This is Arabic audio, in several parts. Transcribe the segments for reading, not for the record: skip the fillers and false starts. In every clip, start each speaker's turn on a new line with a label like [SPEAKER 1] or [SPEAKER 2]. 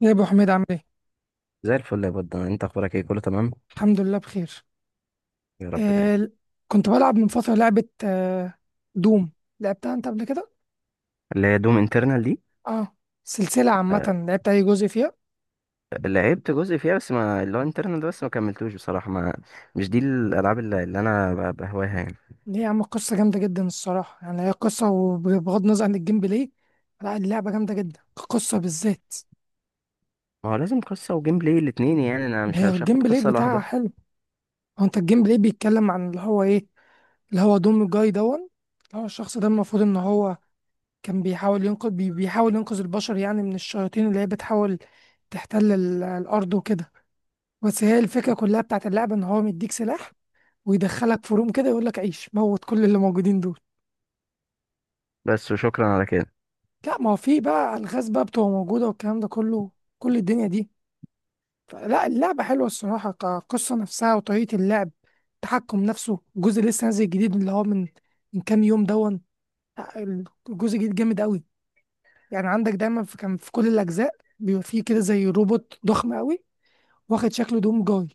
[SPEAKER 1] يا ابو حميد عامل ايه؟
[SPEAKER 2] زي الفل يا بود، انت اخبارك ايه؟ كله تمام.
[SPEAKER 1] الحمد لله بخير.
[SPEAKER 2] يا رب دايما.
[SPEAKER 1] آه كنت بلعب من فتره لعبه، دوم. لعبتها انت قبل كده؟
[SPEAKER 2] اللي هي دوم انترنال دي؟
[SPEAKER 1] اه، سلسله عامه.
[SPEAKER 2] آه.
[SPEAKER 1] لعبت اي جزء فيها؟
[SPEAKER 2] لعبت جزء فيها، بس ما اللي هو انترنال ده، بس ما كملتوش بصراحه. ما مش دي الالعاب اللي انا بهواها يعني.
[SPEAKER 1] ليه يا عم؟ قصه جامده جدا الصراحه، يعني هي قصه، وبغض النظر عن الجيم بلاي، لا، اللعبه جامده جدا، القصه بالذات.
[SPEAKER 2] ما هو لازم قصه وجيم بلاي الاتنين، يعني انا مش
[SPEAKER 1] هي
[SPEAKER 2] مش
[SPEAKER 1] الجيم
[SPEAKER 2] هاخد
[SPEAKER 1] بلاي
[SPEAKER 2] قصه
[SPEAKER 1] بتاعها
[SPEAKER 2] لوحدها.
[SPEAKER 1] حلو. هو انت الجيم بلاي بيتكلم عن اللي هو ايه؟ اللي هو دوم جاي دون، اللي هو الشخص ده المفروض ان هو كان بيحاول ينقذ بيحاول ينقذ البشر يعني من الشياطين اللي هي بتحاول تحتل الأرض وكده. بس هي الفكرة كلها بتاعت اللعبة إن هو مديك سلاح، ويدخلك في روم كده يقول لك عيش، موت كل اللي موجودين دول.
[SPEAKER 2] بس وشكرا على كده.
[SPEAKER 1] لا، ما هو في بقى ألغاز بقى بتبقى موجودة والكلام ده كله، كل الدنيا دي. لا، اللعبة حلوة الصراحة كقصة نفسها وطريقة اللعب، التحكم نفسه. الجزء لسه نازل جديد اللي هو من من كام يوم دون. لا، الجزء الجديد جامد أوي. يعني عندك دايما، في كان في كل الاجزاء بيبقى فيه كده زي روبوت ضخم قوي واخد شكل دوم جاي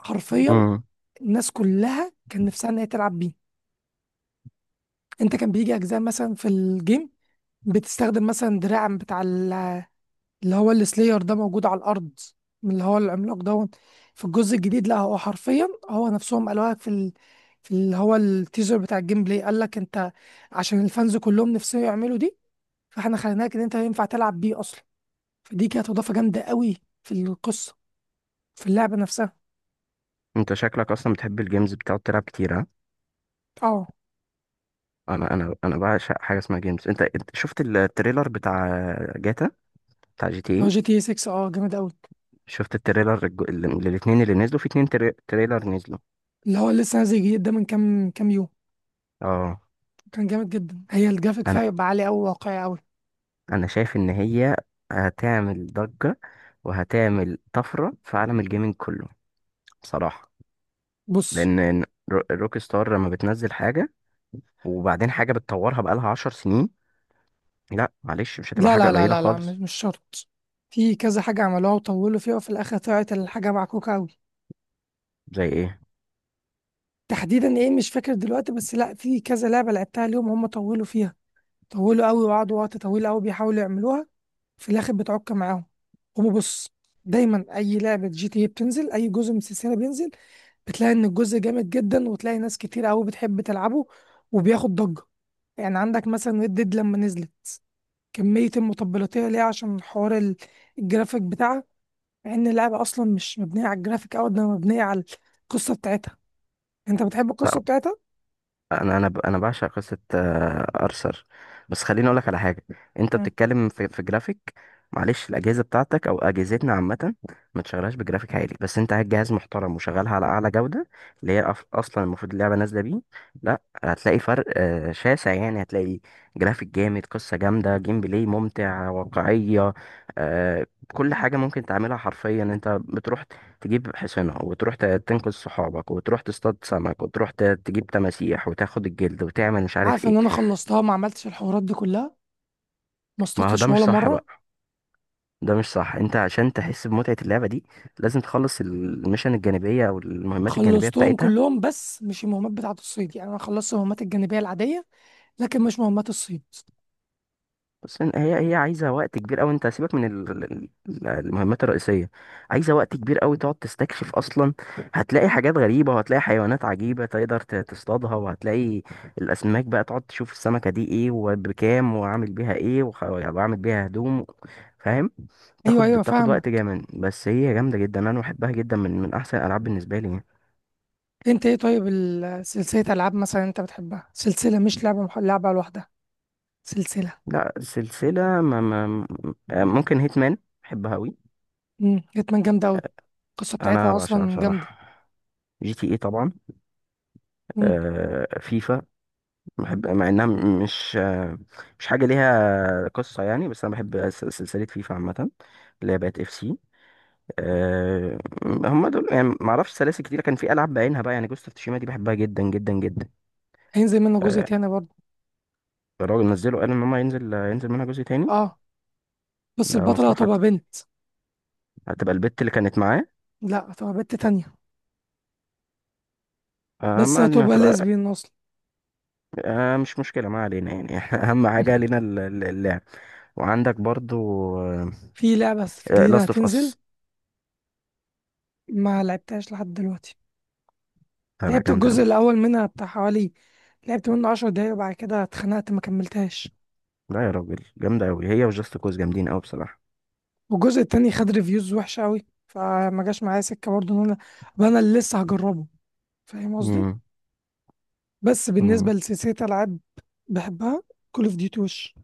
[SPEAKER 1] حرفيا.
[SPEAKER 2] امم
[SPEAKER 1] الناس كلها كان نفسها ان هي تلعب بيه. انت كان بيجي اجزاء مثلا في الجيم بتستخدم مثلا دراع بتاع اللي هو السلاير ده موجود على الارض، من اللي هو العملاق دوت. في الجزء الجديد لا، هو حرفيا هو نفسهم قالوها في في اللي هو التيزر بتاع الجيم بلاي قال لك انت، عشان الفانز كلهم نفسهم يعملوا دي، فاحنا خليناك ان انت ينفع تلعب بيه اصلا. فدي كانت اضافه جامده قوي في القصه، في اللعبه نفسها.
[SPEAKER 2] انت شكلك اصلا بتحب الجيمز، بتقعد تلعب كتير، ها؟
[SPEAKER 1] اه.
[SPEAKER 2] انا بعشق حاجه اسمها جيمز. انت شفت التريلر بتاع جاتا، بتاع جي تي
[SPEAKER 1] اه،
[SPEAKER 2] اي؟
[SPEAKER 1] جي تي 6، اه جامد قوي.
[SPEAKER 2] شفت التريلر الاتنين اللي نزلوا، في اتنين تريلر نزلوا.
[SPEAKER 1] اللي هو لسه نازل جديد ده من كام يوم،
[SPEAKER 2] اه.
[SPEAKER 1] كان جامد جدا. هي الجرافيك
[SPEAKER 2] انا
[SPEAKER 1] فيها يبقى عالي قوي، واقعي قوي.
[SPEAKER 2] انا شايف ان هي هتعمل ضجة وهتعمل طفرة في عالم الجيمنج كله بصراحة.
[SPEAKER 1] بص،
[SPEAKER 2] لان روك ستار لما بتنزل حاجة، وبعدين حاجة بتطورها بقالها 10 سنين، لا معلش، مش هتبقى
[SPEAKER 1] لا،
[SPEAKER 2] حاجة
[SPEAKER 1] لا، لا،
[SPEAKER 2] قليلة
[SPEAKER 1] لا، لا، مش
[SPEAKER 2] خالص.
[SPEAKER 1] مش شرط. في كذا حاجه عملوها وطولوا فيها وفي الاخر طلعت الحاجه معكوكه قوي.
[SPEAKER 2] زي ايه؟
[SPEAKER 1] تحديدا ايه مش فاكر دلوقتي، بس لا، في كذا لعبه لعبتها اليوم هم طولوا فيها، طولوا قوي وقعدوا وقت طويل قوي بيحاولوا يعملوها، في الاخر بتعك معاهم. هما بص، دايما اي لعبه جي تي إيه بتنزل، اي جزء من السلسله بينزل بتلاقي ان الجزء جامد جدا، وتلاقي ناس كتير قوي بتحب تلعبه، وبياخد ضجه. يعني عندك مثلا ريد ديد لما نزلت، كميه المطبلاتيه ليها عشان حوار الجرافيك بتاعها، مع ان اللعبه اصلا مش مبنيه على الجرافيك قوي ده، مبنيه على القصه بتاعتها. انت بتحب
[SPEAKER 2] لا
[SPEAKER 1] القصه بتاعتها.
[SPEAKER 2] انا بعشق قصه ارثر. بس خليني اقول لك على حاجه. انت
[SPEAKER 1] مم.
[SPEAKER 2] بتتكلم في جرافيك؟ معلش، الاجهزه بتاعتك او اجهزتنا عامه ما تشغلهاش بجرافيك عالي، بس انت هات جهاز محترم وشغلها على اعلى جوده، اللي هي اصلا المفروض اللعبه نازله بيه. لا هتلاقي فرق شاسع، يعني هتلاقي جرافيك جامد، قصه جامده، جيم بلاي ممتع، واقعيه. آه، كل حاجه ممكن تعملها حرفيا. انت بتروح تجيب حصانة وتروح تنقذ صحابك، وتروح تصطاد سمك، وتروح تجيب تماسيح وتاخد الجلد وتعمل مش عارف
[SPEAKER 1] عارف
[SPEAKER 2] ايه.
[SPEAKER 1] ان انا خلصتها ما عملتش الحوارات دي كلها، ما
[SPEAKER 2] ما هو ده
[SPEAKER 1] اصطدتش
[SPEAKER 2] مش
[SPEAKER 1] ولا
[SPEAKER 2] صح
[SPEAKER 1] مره.
[SPEAKER 2] بقى. ده مش صح. انت عشان تحس بمتعة اللعبة دي، لازم تخلص الميشن الجانبية او المهمات الجانبية
[SPEAKER 1] خلصتهم
[SPEAKER 2] بتاعتها.
[SPEAKER 1] كلهم بس مش المهمات بتاعة الصيد، يعني انا خلصت المهمات الجانبية العادية لكن مش مهمات الصيد.
[SPEAKER 2] بس هي عايزه وقت كبير قوي، انت سيبك من المهمات الرئيسيه، عايزه وقت كبير قوي تقعد تستكشف اصلا. هتلاقي حاجات غريبه، وهتلاقي حيوانات عجيبه تقدر تصطادها، وهتلاقي الاسماك بقى، تقعد تشوف السمكه دي ايه وبكام وعامل بيها ايه، وعامل بيها هدوم، فاهم؟
[SPEAKER 1] ايوه،
[SPEAKER 2] بتاخد
[SPEAKER 1] ايوه،
[SPEAKER 2] بتاخد
[SPEAKER 1] فاهمة.
[SPEAKER 2] وقت جامد، بس هي جامده جدا. انا بحبها جدا، من احسن الالعاب بالنسبه لي يعني.
[SPEAKER 1] انت ايه طيب سلسلة العاب مثلا انت بتحبها، سلسلة مش لعبة، لعبة لوحدها، سلسلة.
[SPEAKER 2] لا سلسله، ما ممكن هيتمان، بحبها قوي،
[SPEAKER 1] امم، جتمان جامدة قوي، القصة
[SPEAKER 2] انا
[SPEAKER 1] بتاعتها
[SPEAKER 2] بعشقها
[SPEAKER 1] اصلا جامدة.
[SPEAKER 2] بصراحه. جي تي ايه طبعا.
[SPEAKER 1] امم.
[SPEAKER 2] فيفا بحب، مع انها مش مش حاجه ليها قصه يعني، بس انا بحب سلسله فيفا عامه، اللي هي بقت اف سي. آه، هم دول يعني. ما اعرفش سلاسل كتير، كان في العاب بعينها بقى، يعني جوست اوف تشيما دي بحبها جدا جدا جدا.
[SPEAKER 1] هينزل منها جزء
[SPEAKER 2] آه،
[SPEAKER 1] تاني برضه.
[SPEAKER 2] الراجل نزله، قال ان هم ينزل منها جزء تاني.
[SPEAKER 1] اه، بس
[SPEAKER 2] ده
[SPEAKER 1] البطلة
[SPEAKER 2] مصلحه.
[SPEAKER 1] هتبقى بنت.
[SPEAKER 2] هتبقى البت اللي كانت معاه.
[SPEAKER 1] لا، هتبقى بنت تانية. بس
[SPEAKER 2] ما علينا،
[SPEAKER 1] هتبقى
[SPEAKER 2] هتبقى.
[SPEAKER 1] ليزبيان اصلا.
[SPEAKER 2] مش مشكله، ما علينا يعني اهم حاجه لينا اللعب. وعندك برضو
[SPEAKER 1] في لعبة جديدة
[SPEAKER 2] لاست اوف
[SPEAKER 1] هتنزل،
[SPEAKER 2] اس.
[SPEAKER 1] ما لعبتهاش لحد دلوقتي.
[SPEAKER 2] لا
[SPEAKER 1] لعبت
[SPEAKER 2] جامده
[SPEAKER 1] الجزء
[SPEAKER 2] قوي.
[SPEAKER 1] الأول منها بتاع حوالي، لعبت منه عشر دقايق وبعد كده اتخنقت ما كملتهاش.
[SPEAKER 2] لا يا راجل، جامدة أوي، هي وجاست كوز جامدين أوي بصراحة.
[SPEAKER 1] والجزء التاني خد ريفيوز وحشة أوي، فما جاش معايا سكة برضه إن أنا أبقى أنا اللي لسه هجربه. فاهم قصدي؟
[SPEAKER 2] امم
[SPEAKER 1] بس
[SPEAKER 2] امم
[SPEAKER 1] بالنسبة لسلسلة ألعاب بحبها، كول أوف ديوتي، وش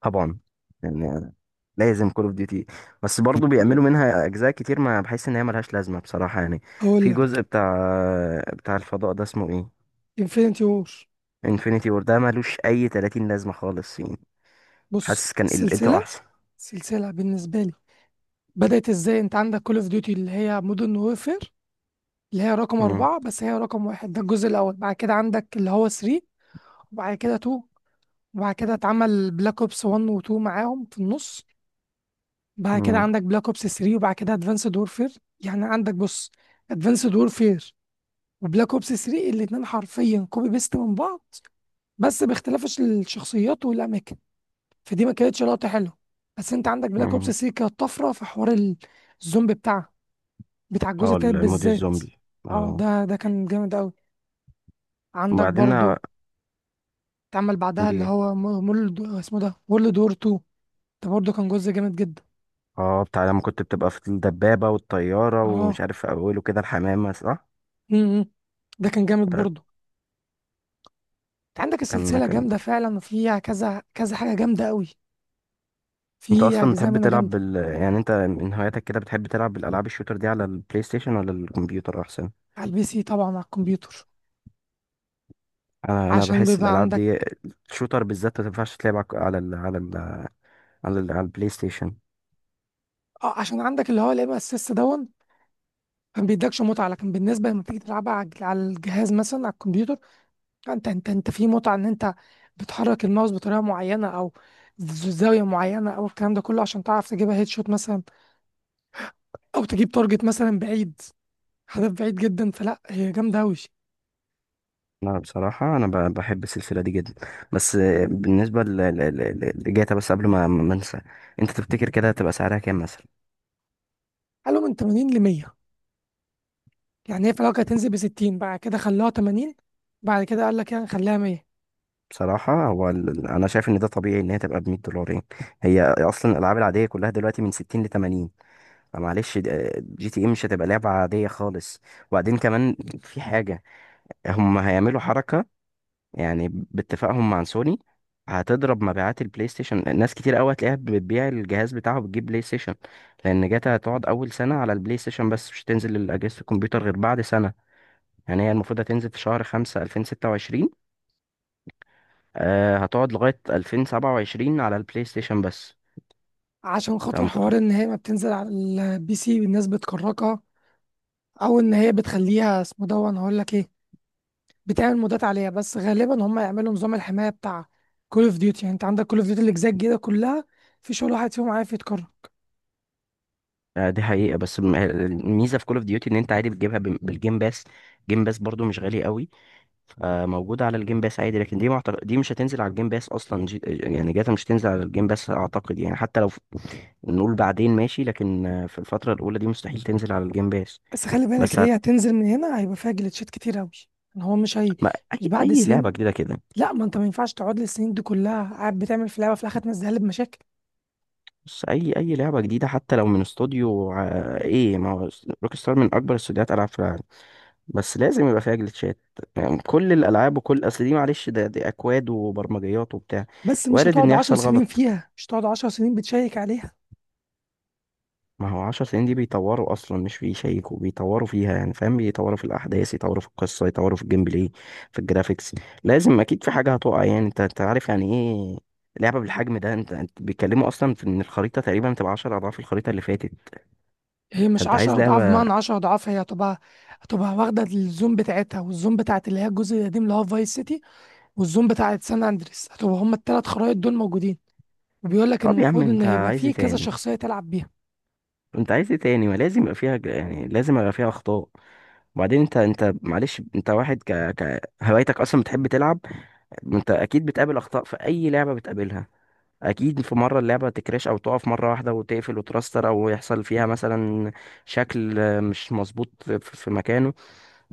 [SPEAKER 2] طبعا، يعني لازم كول اوف ديوتي، بس برضو بيعملوا منها أجزاء كتير، ما بحس إن هي ملهاش لازمة بصراحة يعني.
[SPEAKER 1] أقول
[SPEAKER 2] في
[SPEAKER 1] لك.
[SPEAKER 2] جزء بتاع، بتاع الفضاء ده، اسمه إيه؟
[SPEAKER 1] انفينيتي وور.
[SPEAKER 2] انفينيتي وور، ده ملوش أي 30 لازمة خالص يعني.
[SPEAKER 1] بص،
[SPEAKER 2] حاسس كان قلته
[SPEAKER 1] السلسلة،
[SPEAKER 2] أحسن.
[SPEAKER 1] سلسلة بالنسبة لي بدأت إزاي؟ أنت عندك كول أوف ديوتي اللي هي مودرن وورفير، اللي هي رقم
[SPEAKER 2] امم
[SPEAKER 1] أربعة بس هي رقم واحد، ده الجزء الأول. بعد كده عندك اللي هو 3، وبعد كده 2، وبعد كده اتعمل بلاك اوبس 1 و 2 معاهم في النص. بعد كده عندك بلاك اوبس 3، وبعد كده ادفانسد وورفير. يعني عندك، بص، ادفانسد وورفير وبلاك اوبس 3، الاتنين حرفيا كوبي بيست من بعض، بس باختلاف الشخصيات والاماكن، فدي ما كانتش لقطه حلوه. بس انت عندك بلاك اوبس
[SPEAKER 2] امم
[SPEAKER 1] 3 كانت طفره في حوار الزومبي بتاعها، بتاع الجزء
[SPEAKER 2] اه،
[SPEAKER 1] التالت
[SPEAKER 2] المود
[SPEAKER 1] بالذات.
[SPEAKER 2] الزومبي،
[SPEAKER 1] اه،
[SPEAKER 2] اه.
[SPEAKER 1] ده كان جامد قوي. عندك
[SPEAKER 2] وبعدين
[SPEAKER 1] برضو اتعمل بعدها
[SPEAKER 2] عندي
[SPEAKER 1] اللي
[SPEAKER 2] ايه؟
[SPEAKER 1] هو مول اسمه ده وورلد وور 2، ده برضو كان جزء جامد جدا.
[SPEAKER 2] اه، بتاع لما كنت بتبقى في الدبابة والطيارة ومش
[SPEAKER 1] اه.
[SPEAKER 2] عارف، في أوله كده الحمامة، صح؟
[SPEAKER 1] امم. ده كان جامد
[SPEAKER 2] ده
[SPEAKER 1] برضه. انت عندك
[SPEAKER 2] كان
[SPEAKER 1] السلسله
[SPEAKER 2] كان
[SPEAKER 1] جامده فعلا، وفيها كذا كذا حاجه جامده قوي،
[SPEAKER 2] انت
[SPEAKER 1] في
[SPEAKER 2] اصلا
[SPEAKER 1] اجزاء
[SPEAKER 2] بتحب
[SPEAKER 1] منها
[SPEAKER 2] تلعب
[SPEAKER 1] جامده.
[SPEAKER 2] بال، يعني انت من هواياتك كده بتحب تلعب بالالعاب الشوتر دي، على البلاي ستيشن ولا الكمبيوتر احسن؟
[SPEAKER 1] على البي سي طبعا، على الكمبيوتر.
[SPEAKER 2] انا
[SPEAKER 1] عشان
[SPEAKER 2] بحس
[SPEAKER 1] بيبقى
[SPEAKER 2] الالعاب دي
[SPEAKER 1] عندك،
[SPEAKER 2] الشوتر بالذات، ما تنفعش تلعب على ال... على ال... على, ال... على البلاي ستيشن.
[SPEAKER 1] اه، عشان عندك اللي هو الام اس اس دون ما بيدكش متعه. لكن بالنسبه لما تيجي تلعبها على على الجهاز مثلا، على الكمبيوتر، انت في متعه ان انت بتحرك الماوس بطريقه معينه، او زاويه معينه، او الكلام ده كله عشان تعرف تجيبها هيد شوت مثلا، او تجيب تارجت مثلا بعيد، هدف بعيد جدا. فلا، هي جامده قوي.
[SPEAKER 2] انا بصراحه، انا بحب السلسله دي جدا، بس بالنسبه لجاتا. بس قبل ما انسى، انت تفتكر كده هتبقى سعرها كام مثلا؟
[SPEAKER 1] قالوا من 80 ل 100. يعني هي في الاول كانت هتنزل ب 60، بعد كده خلوها 80، بعد كده قال لك يعني خليها 100.
[SPEAKER 2] بصراحة هو ال... أنا شايف إن ده طبيعي إن هي تبقى بـ 100 دولار يعني. هي أصلا الألعاب العادية كلها دلوقتي من 60 لـ 80. معلش، جي تي ايه مش هتبقى لعبة عادية خالص. وبعدين كمان، في حاجة هم هيعملوا حركة يعني باتفاقهم مع سوني، هتضرب مبيعات البلاي ستيشن. ناس كتير قوي هتلاقيها بتبيع الجهاز بتاعه، بتجيب بلاي ستيشن، لان جاتا هتقعد اول سنة على البلاي ستيشن بس، مش هتنزل لأجهزة الكمبيوتر غير بعد سنة. يعني هي المفروض هتنزل في شهر 5 2026، هتقعد لغاية 2027 على البلاي ستيشن بس.
[SPEAKER 1] عشان
[SPEAKER 2] انت
[SPEAKER 1] خاطر
[SPEAKER 2] متخيل؟
[SPEAKER 1] حوار ان هي ما بتنزل على البي سي والناس بتكركها، او ان هي بتخليها اسمه ده، انا هقول لك ايه، بتعمل مودات عليها. بس غالبا هم يعملوا نظام الحمايه بتاع كول اوف ديوتي. يعني انت عندك كول اوف ديوتي الاجزاء الجديده كلها في شغل واحد فيهم عارف يتكرر.
[SPEAKER 2] دي حقيقة، بس الميزة في كول اوف ديوتي ان انت عادي بتجيبها بالجيم باس، جيم باس برضو مش غالي قوي، فموجودة على الجيم باس عادي. لكن دي دي مش هتنزل على الجيم باس اصلا. يعني جاتا مش هتنزل على الجيم باس اعتقد، يعني حتى لو نقول بعدين ماشي، لكن في الفترة الاولى دي مستحيل تنزل على الجيم باس.
[SPEAKER 1] بس خلي بالك
[SPEAKER 2] بس هت...
[SPEAKER 1] هي هتنزل من هنا هيبقى فيها جليتشات كتير قوي. يعني هو مش هي،
[SPEAKER 2] ما...
[SPEAKER 1] مش
[SPEAKER 2] اي
[SPEAKER 1] بعد
[SPEAKER 2] اي لعبة
[SPEAKER 1] السنين.
[SPEAKER 2] جديدة كده،
[SPEAKER 1] لا، ما انت ما ينفعش تقعد للسنين دي كلها قاعد بتعمل في لعبه في الاخر تنزلها لي بمشاكل.
[SPEAKER 2] بس اي لعبة جديدة حتى لو من استوديو ايه، ما هو روك ستار من اكبر استوديوهات العاب في العالم، بس لازم يبقى فيها جليتشات. يعني كل الالعاب وكل اصل دي، معلش ده دي اكواد وبرمجيات وبتاع،
[SPEAKER 1] بس مش
[SPEAKER 2] وارد ان
[SPEAKER 1] هتقعد عشر
[SPEAKER 2] يحصل
[SPEAKER 1] سنين
[SPEAKER 2] غلط.
[SPEAKER 1] فيها، مش هتقعد عشر سنين بتشيك عليها.
[SPEAKER 2] ما هو 10 سنين دي بيطوروا اصلا، مش بيشيكوا، بيطوروا فيها، يعني فاهم، بيطوروا في الاحداث، يطوروا في القصه، يطوروا في الجيم بلاي، في الجرافيكس. لازم اكيد في حاجه هتقع. يعني انت عارف يعني ايه لعبه بالحجم ده. انت بيتكلموا اصلا في ان الخريطه تقريبا تبقى 10 اضعاف الخريطه اللي فاتت.
[SPEAKER 1] هي مش
[SPEAKER 2] فانت عايز
[SPEAKER 1] عشر أضعاف
[SPEAKER 2] لعبه.
[SPEAKER 1] بمعنى عشر أضعاف، هي هتبقى، هتبقى واخدة الزوم بتاعتها، والزوم بتاعت اللي هي الجزء القديم اللي هو فايس سيتي، والزوم بتاعت سان أندريس، هتبقى هما التلات خرايط دول موجودين. وبيقول لك إن
[SPEAKER 2] طب يا عم،
[SPEAKER 1] المفروض إن
[SPEAKER 2] انت
[SPEAKER 1] هيبقى
[SPEAKER 2] عايز ايه
[SPEAKER 1] فيه كذا
[SPEAKER 2] تاني؟
[SPEAKER 1] شخصية تلعب بيها.
[SPEAKER 2] انت عايز ايه تاني؟ ما لازم يبقى فيها يعني لازم يبقى فيها اخطاء. وبعدين انت معلش، انت واحد ك هوايتك اصلا بتحب تلعب. انت اكيد بتقابل اخطاء في اي لعبه بتقابلها. اكيد في مره اللعبه تكراش او تقف مره واحده وتقفل وترستر، او يحصل فيها مثلا شكل مش مظبوط في مكانه.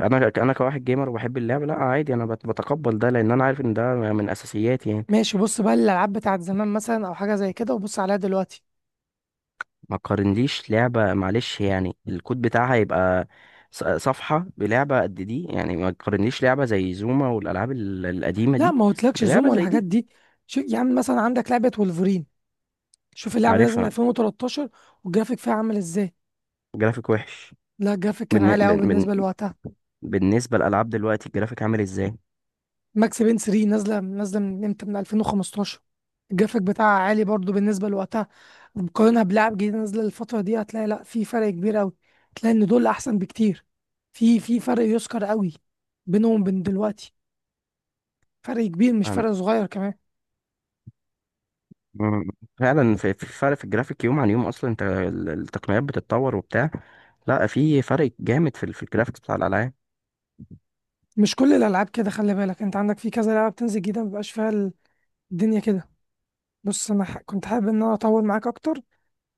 [SPEAKER 2] انا كواحد جيمر وبحب اللعبه، لا عادي. انا بتقبل ده، لان انا عارف ان ده من اساسياتي يعني.
[SPEAKER 1] ماشي. بص بقى، الألعاب بتاعت زمان مثلا أو حاجة زي كده وبص عليها دلوقتي.
[SPEAKER 2] ما قارنليش لعبة معلش، يعني الكود بتاعها يبقى صفحة بلعبة قد دي يعني، ما تقارنليش لعبة زي زوما والألعاب القديمة
[SPEAKER 1] لا،
[SPEAKER 2] دي
[SPEAKER 1] ما قلتلكش زوم
[SPEAKER 2] بلعبة
[SPEAKER 1] ولا
[SPEAKER 2] زي
[SPEAKER 1] الحاجات
[SPEAKER 2] دي.
[SPEAKER 1] دي. شو يعني؟ مثلا عندك لعبة وولفرين، شوف اللعبة نازلة من
[SPEAKER 2] عارفها.
[SPEAKER 1] 2013، والجرافيك فيها عامل ازاي؟
[SPEAKER 2] جرافيك وحش.
[SPEAKER 1] لا، الجرافيك كان
[SPEAKER 2] بالن...
[SPEAKER 1] عالي قوي
[SPEAKER 2] بن... بن...
[SPEAKER 1] بالنسبة لوقتها.
[SPEAKER 2] بالنسبة للألعاب دلوقتي الجرافيك عامل ازاي؟
[SPEAKER 1] ماكس بين 3 نازله من امتى؟ من 2015. الجرافيك بتاعها عالي برضو بالنسبه لوقتها. مقارنه بلعب جديد نازله الفتره دي هتلاقي، لا، في فرق كبير قوي، هتلاقي ان دول احسن بكتير. في فرق يذكر قوي بينهم وبين دلوقتي، فرق كبير مش
[SPEAKER 2] أنا،
[SPEAKER 1] فرق صغير كمان.
[SPEAKER 2] مم. فعلا في فرق في الجرافيك يوم عن يوم، أصلا انت التقنيات بتتطور وبتاع. لا في فرق جامد في في الجرافيكس بتاع الألعاب.
[SPEAKER 1] مش كل الالعاب كده خلي بالك، انت عندك في كذا لعبه بتنزل جديده مبيبقاش فيها الدنيا كده. بص، انا كنت حابب ان انا اطول معاك اكتر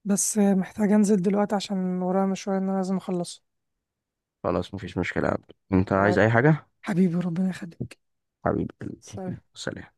[SPEAKER 1] بس محتاج انزل دلوقتي عشان ورايا مشوار ان انا لازم اخلصه.
[SPEAKER 2] خلاص، مفيش مشكلة يا عبد، انت
[SPEAKER 1] ع-
[SPEAKER 2] عايز اي حاجة؟
[SPEAKER 1] حبيبي ربنا يخليك.
[SPEAKER 2] حبيبي.
[SPEAKER 1] سلام.
[SPEAKER 2] سلام.